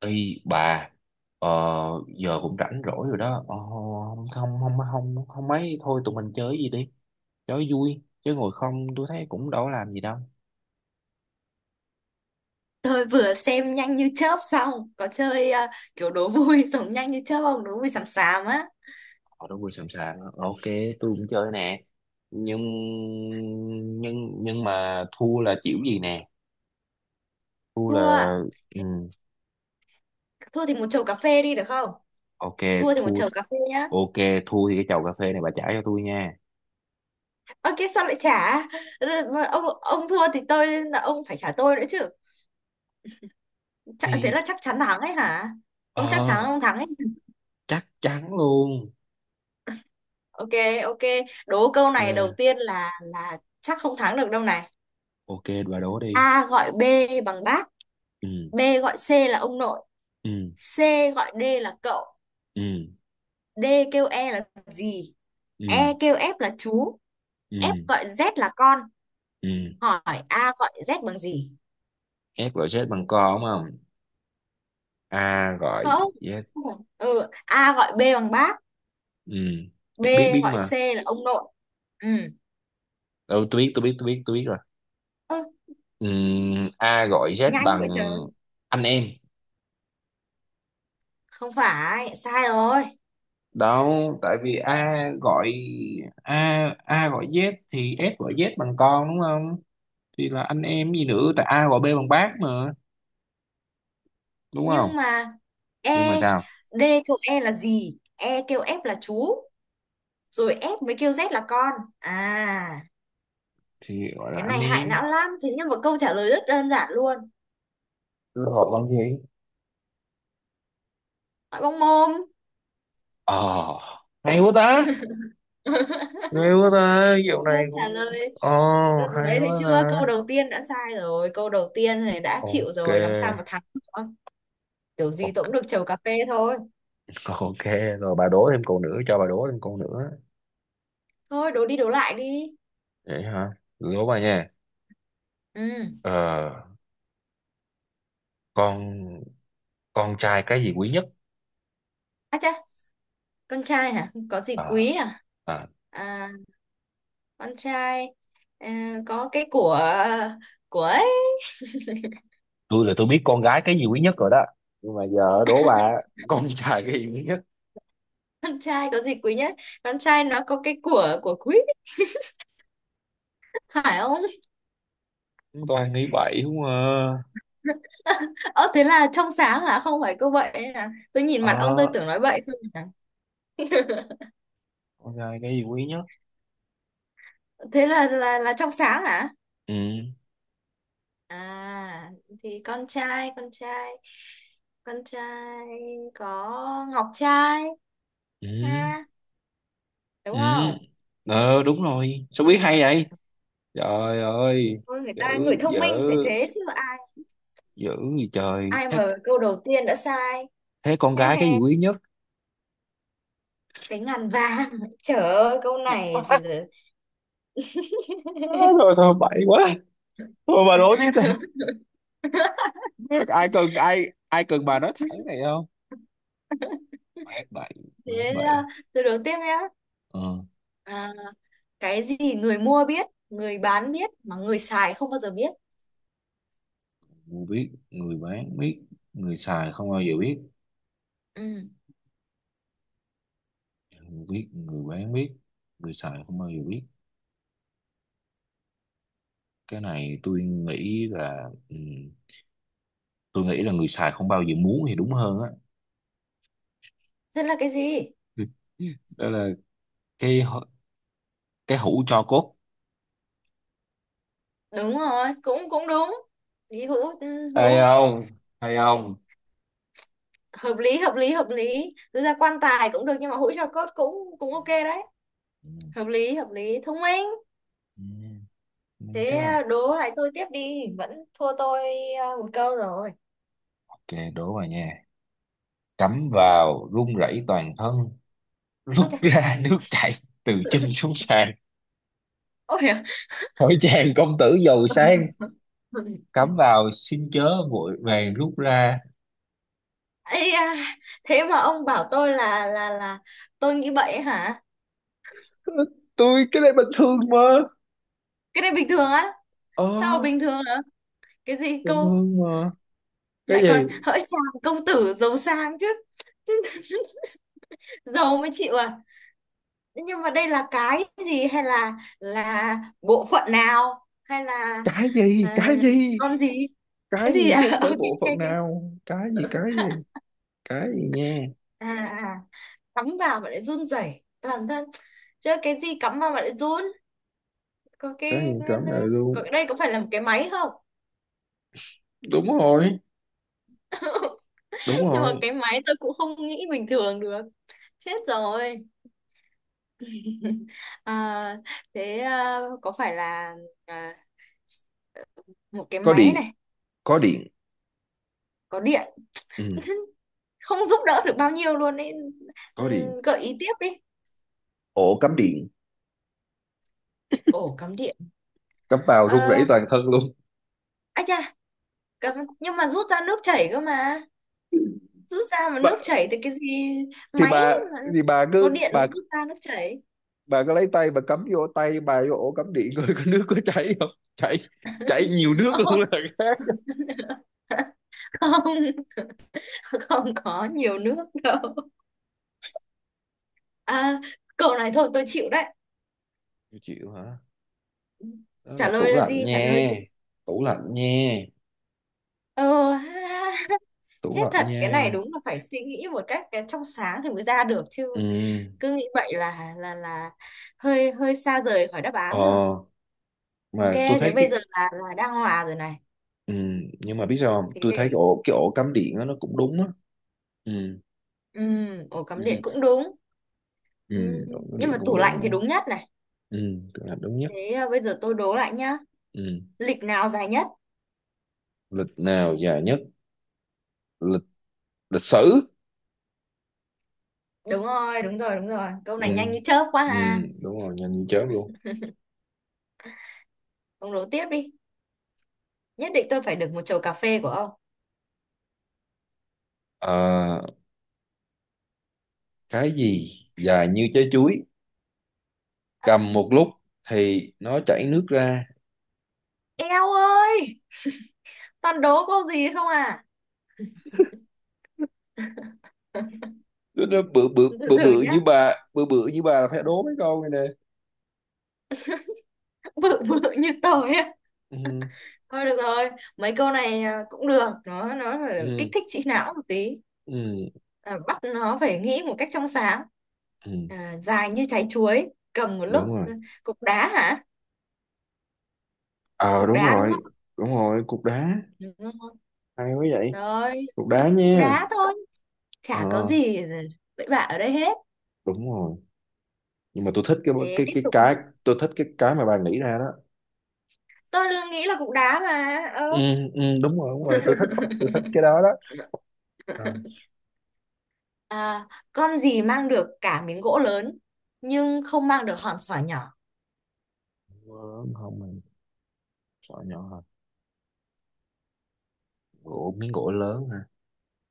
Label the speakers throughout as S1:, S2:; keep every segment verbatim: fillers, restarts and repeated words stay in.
S1: Ý bà. ờ, Giờ cũng rảnh rỗi rồi đó. ờ, không không không không không mấy thôi, tụi mình chơi gì đi, chơi vui chứ ngồi không tôi thấy cũng đâu có làm gì đâu.
S2: Tôi vừa xem nhanh như chớp xong có chơi ờ, kiểu đố vui giống nhanh như chớp không, đố vui xàm xàm á.
S1: Ờ, đúng rồi, sẵn sàng. Ờ, ok, tôi cũng chơi nè. Nhưng nhưng nhưng mà thua là chịu gì nè? Thua là
S2: Thua.
S1: ừ,
S2: Thua thì một chầu cà phê đi được không?
S1: ok.
S2: Thua thì một
S1: Thua.
S2: chầu cà phê nhá.
S1: Ok. Thua thì cái chầu cà phê này bà trả cho tôi nha.
S2: Ok, sao lại trả? Ừ, mà ông ông thua thì tôi, là ông phải trả tôi nữa chứ. Chả, thế
S1: Thì
S2: là chắc chắn thắng ấy hả? Không, chắc chắn
S1: ờ
S2: không thắng ấy.
S1: chắc chắn luôn.
S2: Ok. Ok. Đố câu
S1: Ok.
S2: này đầu tiên là là chắc không thắng được đâu này.
S1: Ok, bà đố đi.
S2: A gọi B bằng bác.
S1: Ừ.
S2: B gọi C là ông nội.
S1: Ừ.
S2: C gọi D là cậu.
S1: Ừ.
S2: D kêu E là gì? E
S1: Ừ.
S2: kêu F là chú, F
S1: Ừ.
S2: gọi Z là con.
S1: Ừ.
S2: Hỏi A gọi Z bằng gì?
S1: Ép gọi chết bằng co, đúng không? A gọi
S2: Không.
S1: Z.
S2: Không phải. Ừ, A gọi B bằng bác,
S1: Ừ,
S2: B
S1: biết biết
S2: gọi C
S1: mà.
S2: là ông nội. Ừ.
S1: Ừ, tôi biết tôi biết tôi biết tôi biết rồi.
S2: Ơ,
S1: Ừ, a gọi Z
S2: nhanh
S1: bằng
S2: vậy trời.
S1: anh em
S2: Không phải, sai rồi.
S1: đó. Tại vì a gọi, a a gọi Z thì f gọi Z bằng con đúng không? Thì là anh em gì nữa, tại a gọi B bằng bác mà, đúng không?
S2: Nhưng mà
S1: Nhưng mà
S2: E,
S1: sao?
S2: D kêu E là gì? E kêu F là chú, rồi F mới kêu Z là con. À,
S1: Thì gọi là
S2: cái
S1: anh
S2: này hại não
S1: em.
S2: lắm. Thế nhưng mà câu trả lời rất đơn giản luôn.
S1: Tôi gọi bằng gì?
S2: Hỏi bông mồm.
S1: Ờ. Hay quá ta. Hay quá ta, dạo
S2: Câu
S1: này
S2: trả
S1: cũng
S2: lời.
S1: ờ
S2: Đừng-
S1: hay
S2: đấy thấy
S1: quá ta.
S2: chưa, câu đầu tiên đã sai rồi, câu đầu tiên này đã chịu
S1: Ok.
S2: rồi làm sao mà thắng được. Kiểu gì tôi cũng
S1: Ok.
S2: được chầu cà phê thôi.
S1: Ok. Rồi bà đố thêm câu nữa, cho bà đố thêm câu nữa.
S2: Thôi đố đi, đố lại đi.
S1: Vậy hả, đố bà nha.
S2: Ừ.
S1: Ờ, con con trai cái gì quý nhất?
S2: À chà, con trai hả, có gì quý
S1: Ờ,
S2: à?
S1: à,
S2: À, con trai, à, có cái của của ấy.
S1: tôi là tôi biết con gái cái gì quý nhất rồi đó, nhưng mà giờ đố bà. Con trai cái gì quý nhất?
S2: Con trai có gì quý nhất? Con trai nó có cái của của quý, phải không?
S1: Chúng toàn nghĩ vậy không à.
S2: Ơ, thế là trong sáng hả? Không phải cô vậy à? Tôi nhìn mặt ông tôi
S1: Ờ.
S2: tưởng nói bậy thôi mà.
S1: Con trai cái gì quý nhất?
S2: Thế là là là trong sáng hả?
S1: Ừ.
S2: À, thì con trai, con trai, con trai có ngọc trai,
S1: Ừ.
S2: ha, đúng
S1: Ừ.
S2: không?
S1: Ờ, đúng rồi, sao biết hay vậy? Trời ơi.
S2: Ôi, người
S1: Dữ.
S2: ta người thông
S1: Dở.
S2: minh phải thế chứ, ai
S1: Dữ. Gì trời
S2: ai
S1: thế.
S2: mà câu đầu tiên đã sai.
S1: Thế con gái cái gì quý nhất?
S2: Cái ngàn vàng. Trời ơi, câu này từ từ.
S1: Á, thôi thôi bậy quá. Thôi bà đố tiếp đi, ai cần, ai ai cần, bà nói thẳng này không. Quá bậy. Quá
S2: Thế
S1: bậy.
S2: uh, từ đầu tiếp nhá.
S1: Ờ.
S2: À, cái gì người mua biết, người bán biết mà người xài không bao giờ biết.
S1: Người biết người bán biết, người xài không bao giờ biết.
S2: Ừ.
S1: Người biết người bán biết, người xài không bao giờ biết. Cái này tôi nghĩ là ừ, tôi nghĩ là người xài không bao giờ muốn thì đúng hơn á.
S2: Thế là cái gì?
S1: Đó là cái hũ- cái hũ tro cốt.
S2: Đúng rồi, cũng cũng đúng. Lý hữu, ừ,
S1: Hay
S2: hữu
S1: không? Hay không?
S2: hợp lý, hợp lý, hợp lý. Thực ra quan tài cũng được nhưng mà hũ cho cốt cũng cũng ok đấy.
S1: Ừ.
S2: Hợp lý, hợp lý, thông minh.
S1: Ừ, đúng
S2: Thế
S1: chưa.
S2: à, đố lại tôi tiếp đi, vẫn thua tôi à, một câu rồi.
S1: Ok, đố vào nha. Cắm vào run rẩy toàn thân, rút
S2: Ôi trời.
S1: ra nước chảy từ chân xuống sàn.
S2: Ôi à.
S1: Hỏi chàng công tử giàu sang, cắm vào xin chớ vội vàng rút ra.
S2: Ây da, thế mà ông bảo tôi là là là tôi nghĩ vậy hả?
S1: Tôi cái này bình thường mà.
S2: Cái này bình thường á?
S1: Ờ.
S2: Sao mà bình thường nữa? Cái gì
S1: Bình
S2: cô,
S1: thường mà. Cái
S2: lại còn
S1: gì?
S2: hỡi chàng công tử giàu sang chứ. Giàu mới chịu à? Nhưng mà đây là cái gì, hay là là bộ phận nào hay là,
S1: Cái
S2: ờ,
S1: gì? Cái gì,
S2: con gì?
S1: cái
S2: Cái gì
S1: gì chứ
S2: à?
S1: không
S2: Ok,
S1: phải bộ phận
S2: ok, ok.
S1: nào. Cái gì, cái gì? Cái gì nha.
S2: À à. À. Cắm vào mà lại run rẩy toàn thân, chứ cái gì cắm vào mà lại run? Có
S1: Cái
S2: cái,
S1: gì cắm vào
S2: có
S1: luôn.
S2: đây, có phải là một cái máy không?
S1: Đúng rồi. Đúng
S2: Nhưng mà
S1: rồi.
S2: cái máy tôi cũng không nghĩ bình thường được. Chết rồi. À, thế à, có phải là, à, một cái
S1: Có
S2: máy
S1: điện.
S2: này
S1: Có điện.
S2: có điện.
S1: Ừ.
S2: Không giúp đỡ được bao nhiêu luôn ấy. Ừ,
S1: Có điện.
S2: gợi ý tiếp đi.
S1: Ổ cắm điện.
S2: Ổ cắm điện.
S1: Cắm vào run rẩy
S2: Ờ.
S1: toàn thân luôn.
S2: À chà, cắm nhưng mà rút ra nước chảy cơ mà, rút ra mà nước
S1: Bà-
S2: chảy thì cái gì?
S1: thì
S2: Máy
S1: bà
S2: mà
S1: thì bà
S2: có
S1: cứ
S2: điện mà
S1: bà
S2: rút ra nước chảy.
S1: bà cứ lấy tay bà cắm vô, tay bà vô ổ cắm điện coi có nước có chảy không. Chảy. Chảy nhiều nước luôn là khác.
S2: Không, không có nhiều nước đâu. À, câu này thôi tôi chịu đấy.
S1: Chịu, chịu hả? Đó
S2: Trả
S1: là tủ
S2: lời là
S1: lạnh
S2: gì, trả lời
S1: nha.
S2: gì?
S1: Tủ lạnh nha.
S2: Ờ ha, ha.
S1: Tủ
S2: Thế
S1: lạnh
S2: thật, cái này
S1: nha.
S2: đúng là phải suy nghĩ một cách cái trong sáng thì mới ra được chứ.
S1: Ừ.
S2: Cứ nghĩ vậy là là là hơi hơi xa rời khỏi đáp
S1: Ờ.
S2: án rồi. Ok
S1: Mà tôi
S2: thế
S1: thấy cái.
S2: bây giờ là là đang hòa rồi này.
S1: Ừ. Nhưng mà biết sao không,
S2: Thế
S1: tôi thấy cái
S2: để,
S1: ổ cái ổ cắm điện đó, nó cũng đúng á. Ừ.
S2: ừm, ổ cắm điện cũng đúng.
S1: Ừ,
S2: Ừm,
S1: ổ cắm
S2: nhưng
S1: điện
S2: mà
S1: cũng
S2: tủ lạnh
S1: đúng
S2: thì
S1: á.
S2: đúng nhất này.
S1: Ừ. Tủ lạnh đúng nhất.
S2: Thế à, bây giờ tôi đố lại nhá.
S1: Ừ.
S2: Lịch nào dài nhất?
S1: Lịch nào dài nhất? Lịch Lịch sử.
S2: Đúng rồi, đúng rồi, đúng rồi, câu này nhanh
S1: Ừ.
S2: như chớp quá
S1: Ừ.
S2: ha.
S1: Đúng rồi, nhanh như chớp luôn.
S2: Ông đố tiếp đi, nhất định tôi phải được một chầu cà phê của ông.
S1: Ờ, cái gì dài như trái chuối,
S2: À,
S1: cầm một lúc thì nó chảy nước ra?
S2: eo ơi, toàn đố câu gì không à.
S1: nó, nó bự bự
S2: Từ
S1: bự
S2: từ
S1: bự như
S2: nhá,
S1: bà, bự bự như bà là phải đố mấy câu này nè.
S2: bự bự như tôi á.
S1: Ừ.
S2: Thôi được rồi, mấy câu này à, cũng được, nó nó phải kích
S1: Ừ.
S2: thích trí não một tí.
S1: Ừ.
S2: À, bắt nó phải nghĩ một cách trong sáng.
S1: Ừ.
S2: À, dài như trái chuối, cầm một lúc.
S1: Đúng rồi.
S2: Ừ, cục đá hả?
S1: Ờ,
S2: Cục
S1: đúng
S2: đá đúng
S1: rồi,
S2: không?
S1: đúng rồi. Cục đá.
S2: Đúng rồi.
S1: Hay quá vậy.
S2: Rồi,
S1: Cục đá
S2: cục
S1: nha.
S2: đá thôi,
S1: Ờ.
S2: chả có gì ừ, bậy bạ ở đây hết.
S1: Đúng rồi. Nhưng mà tôi thích cái
S2: Thế
S1: cái
S2: tiếp
S1: cái
S2: tục nhé.
S1: cái. Tôi thích cái cái mà bà nghĩ ra đó.
S2: Tôi nghĩ là cục đá mà. Ờ.
S1: Ừ. Ừ, đúng rồi, đúng rồi, tôi thích. Tôi thích cái đó đó. Ờ.
S2: À, con gì mang được cả miếng gỗ lớn nhưng không mang được hòn sỏi nhỏ.
S1: Miếng gỗ lớn không mà, sọ nhỏ hả? Gỗ miếng gỗ lớn hả,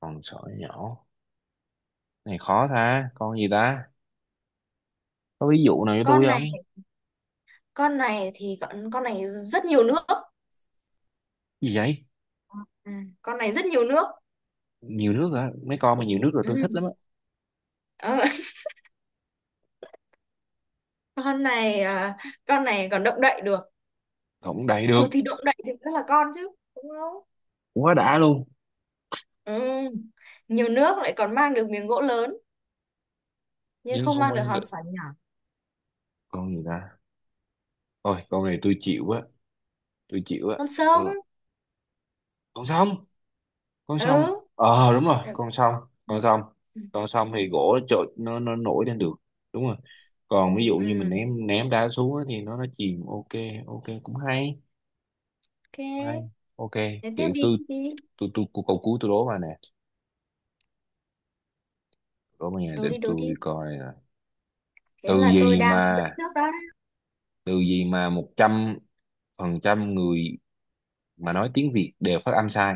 S1: con sỏi nhỏ. Này khó ta, con gì ta. Có ví dụ nào cho
S2: Con
S1: tôi
S2: này,
S1: không?
S2: con này thì con con này rất nhiều nước.
S1: Gì vậy.
S2: À, con này rất nhiều nước.
S1: Nhiều nước hả, mấy con mà nhiều nước rồi
S2: Ừ.
S1: tôi thích lắm á.
S2: Ờ, con này à, con này còn động đậy được.
S1: Không đầy được.
S2: Ừ, thì động đậy thì rất là con chứ, đúng không?
S1: Quá đã luôn.
S2: Ừ. Nhiều nước lại còn mang được miếng gỗ lớn nhưng
S1: Nhưng
S2: không
S1: không
S2: mang được
S1: ăn
S2: hòn
S1: được.
S2: sỏi nhỏ.
S1: Con gì ta. Thôi con này tôi chịu á. Tôi chịu á.
S2: Con sông.
S1: Tôi... Con sông. Con
S2: Ừ.
S1: sông, ờ đúng rồi,
S2: Ừ.
S1: con sông. Con sông. Con sông thì gỗ nó trội, nó nó nổi lên được. Đúng rồi. Còn ví dụ như mình
S2: Ừ.
S1: ném ném đá xuống á thì nó nó chìm. Ok. Ok, cũng hay. Hay.
S2: Ok
S1: Ok. Vậy
S2: thế tiếp
S1: tôi,
S2: đi,
S1: tôi
S2: tiếp đi.
S1: tôi, tôi câu cuối tôi đố mà nè. Có mấy ngày
S2: Đố
S1: để
S2: đi, đố đi.
S1: tôi coi nè.
S2: Thế
S1: Tư
S2: là tôi
S1: duy
S2: đang dẫn
S1: mà.
S2: trước đó.
S1: Từ gì mà một trăm phần trăm người mà nói tiếng Việt đều phát âm sai?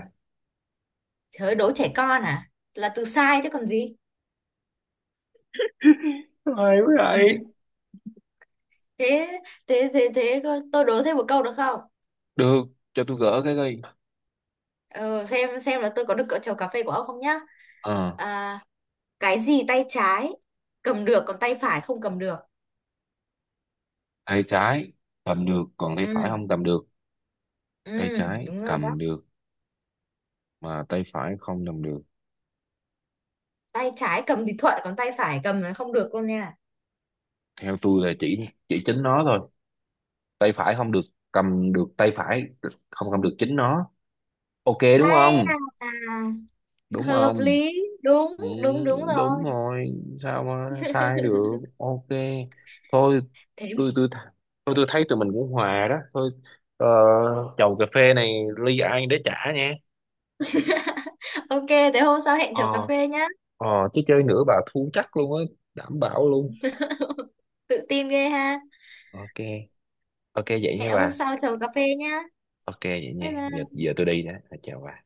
S2: Trời ơi, đố trẻ con à, là từ sai chứ còn gì.
S1: Ai vậy?
S2: Thế thế thế, thế tôi đố thêm một câu được không?
S1: Được. Cho tôi gỡ cái coi.
S2: Ừ, xem xem là tôi có được cỡ chầu cà phê của ông không nhá.
S1: Ờ.
S2: À, cái gì tay trái cầm được còn tay phải không cầm được?
S1: Tay trái cầm được còn tay phải
S2: Ừ.
S1: không cầm được.
S2: Ừ.
S1: Tay trái
S2: Đúng rồi đó.
S1: cầm được mà tay phải không cầm được.
S2: Tay trái cầm thì thuận còn tay phải cầm là không được luôn nha.
S1: Theo tôi là chỉ chỉ chính nó thôi. Tay phải không được. Cầm được tay phải, không cầm được chính nó. Ok, đúng
S2: Ai,
S1: không?
S2: à,
S1: Đúng
S2: hợp
S1: không?
S2: lý, đúng,
S1: Ừ.
S2: đúng đúng
S1: Đúng
S2: rồi.
S1: rồi. Sao mà sai được. Ok. Thôi
S2: Thế
S1: tôi tôi tôi tôi thấy tụi mình cũng hòa đó thôi. Ờ, chầu cà phê này ly ai để trả nha.
S2: ok, thế hôm sau hẹn chiều cà
S1: Ờ.
S2: phê nhá.
S1: Ờ. Chứ chơi nữa bà thua chắc luôn á, đảm bảo luôn.
S2: Tự tin ghê ha.
S1: Ok. Ok, vậy
S2: Hẹn
S1: nha
S2: hôm
S1: bà.
S2: sau chiều cà phê nhá.
S1: Ok vậy nha, giờ giờ tôi đi đó. Chào bà.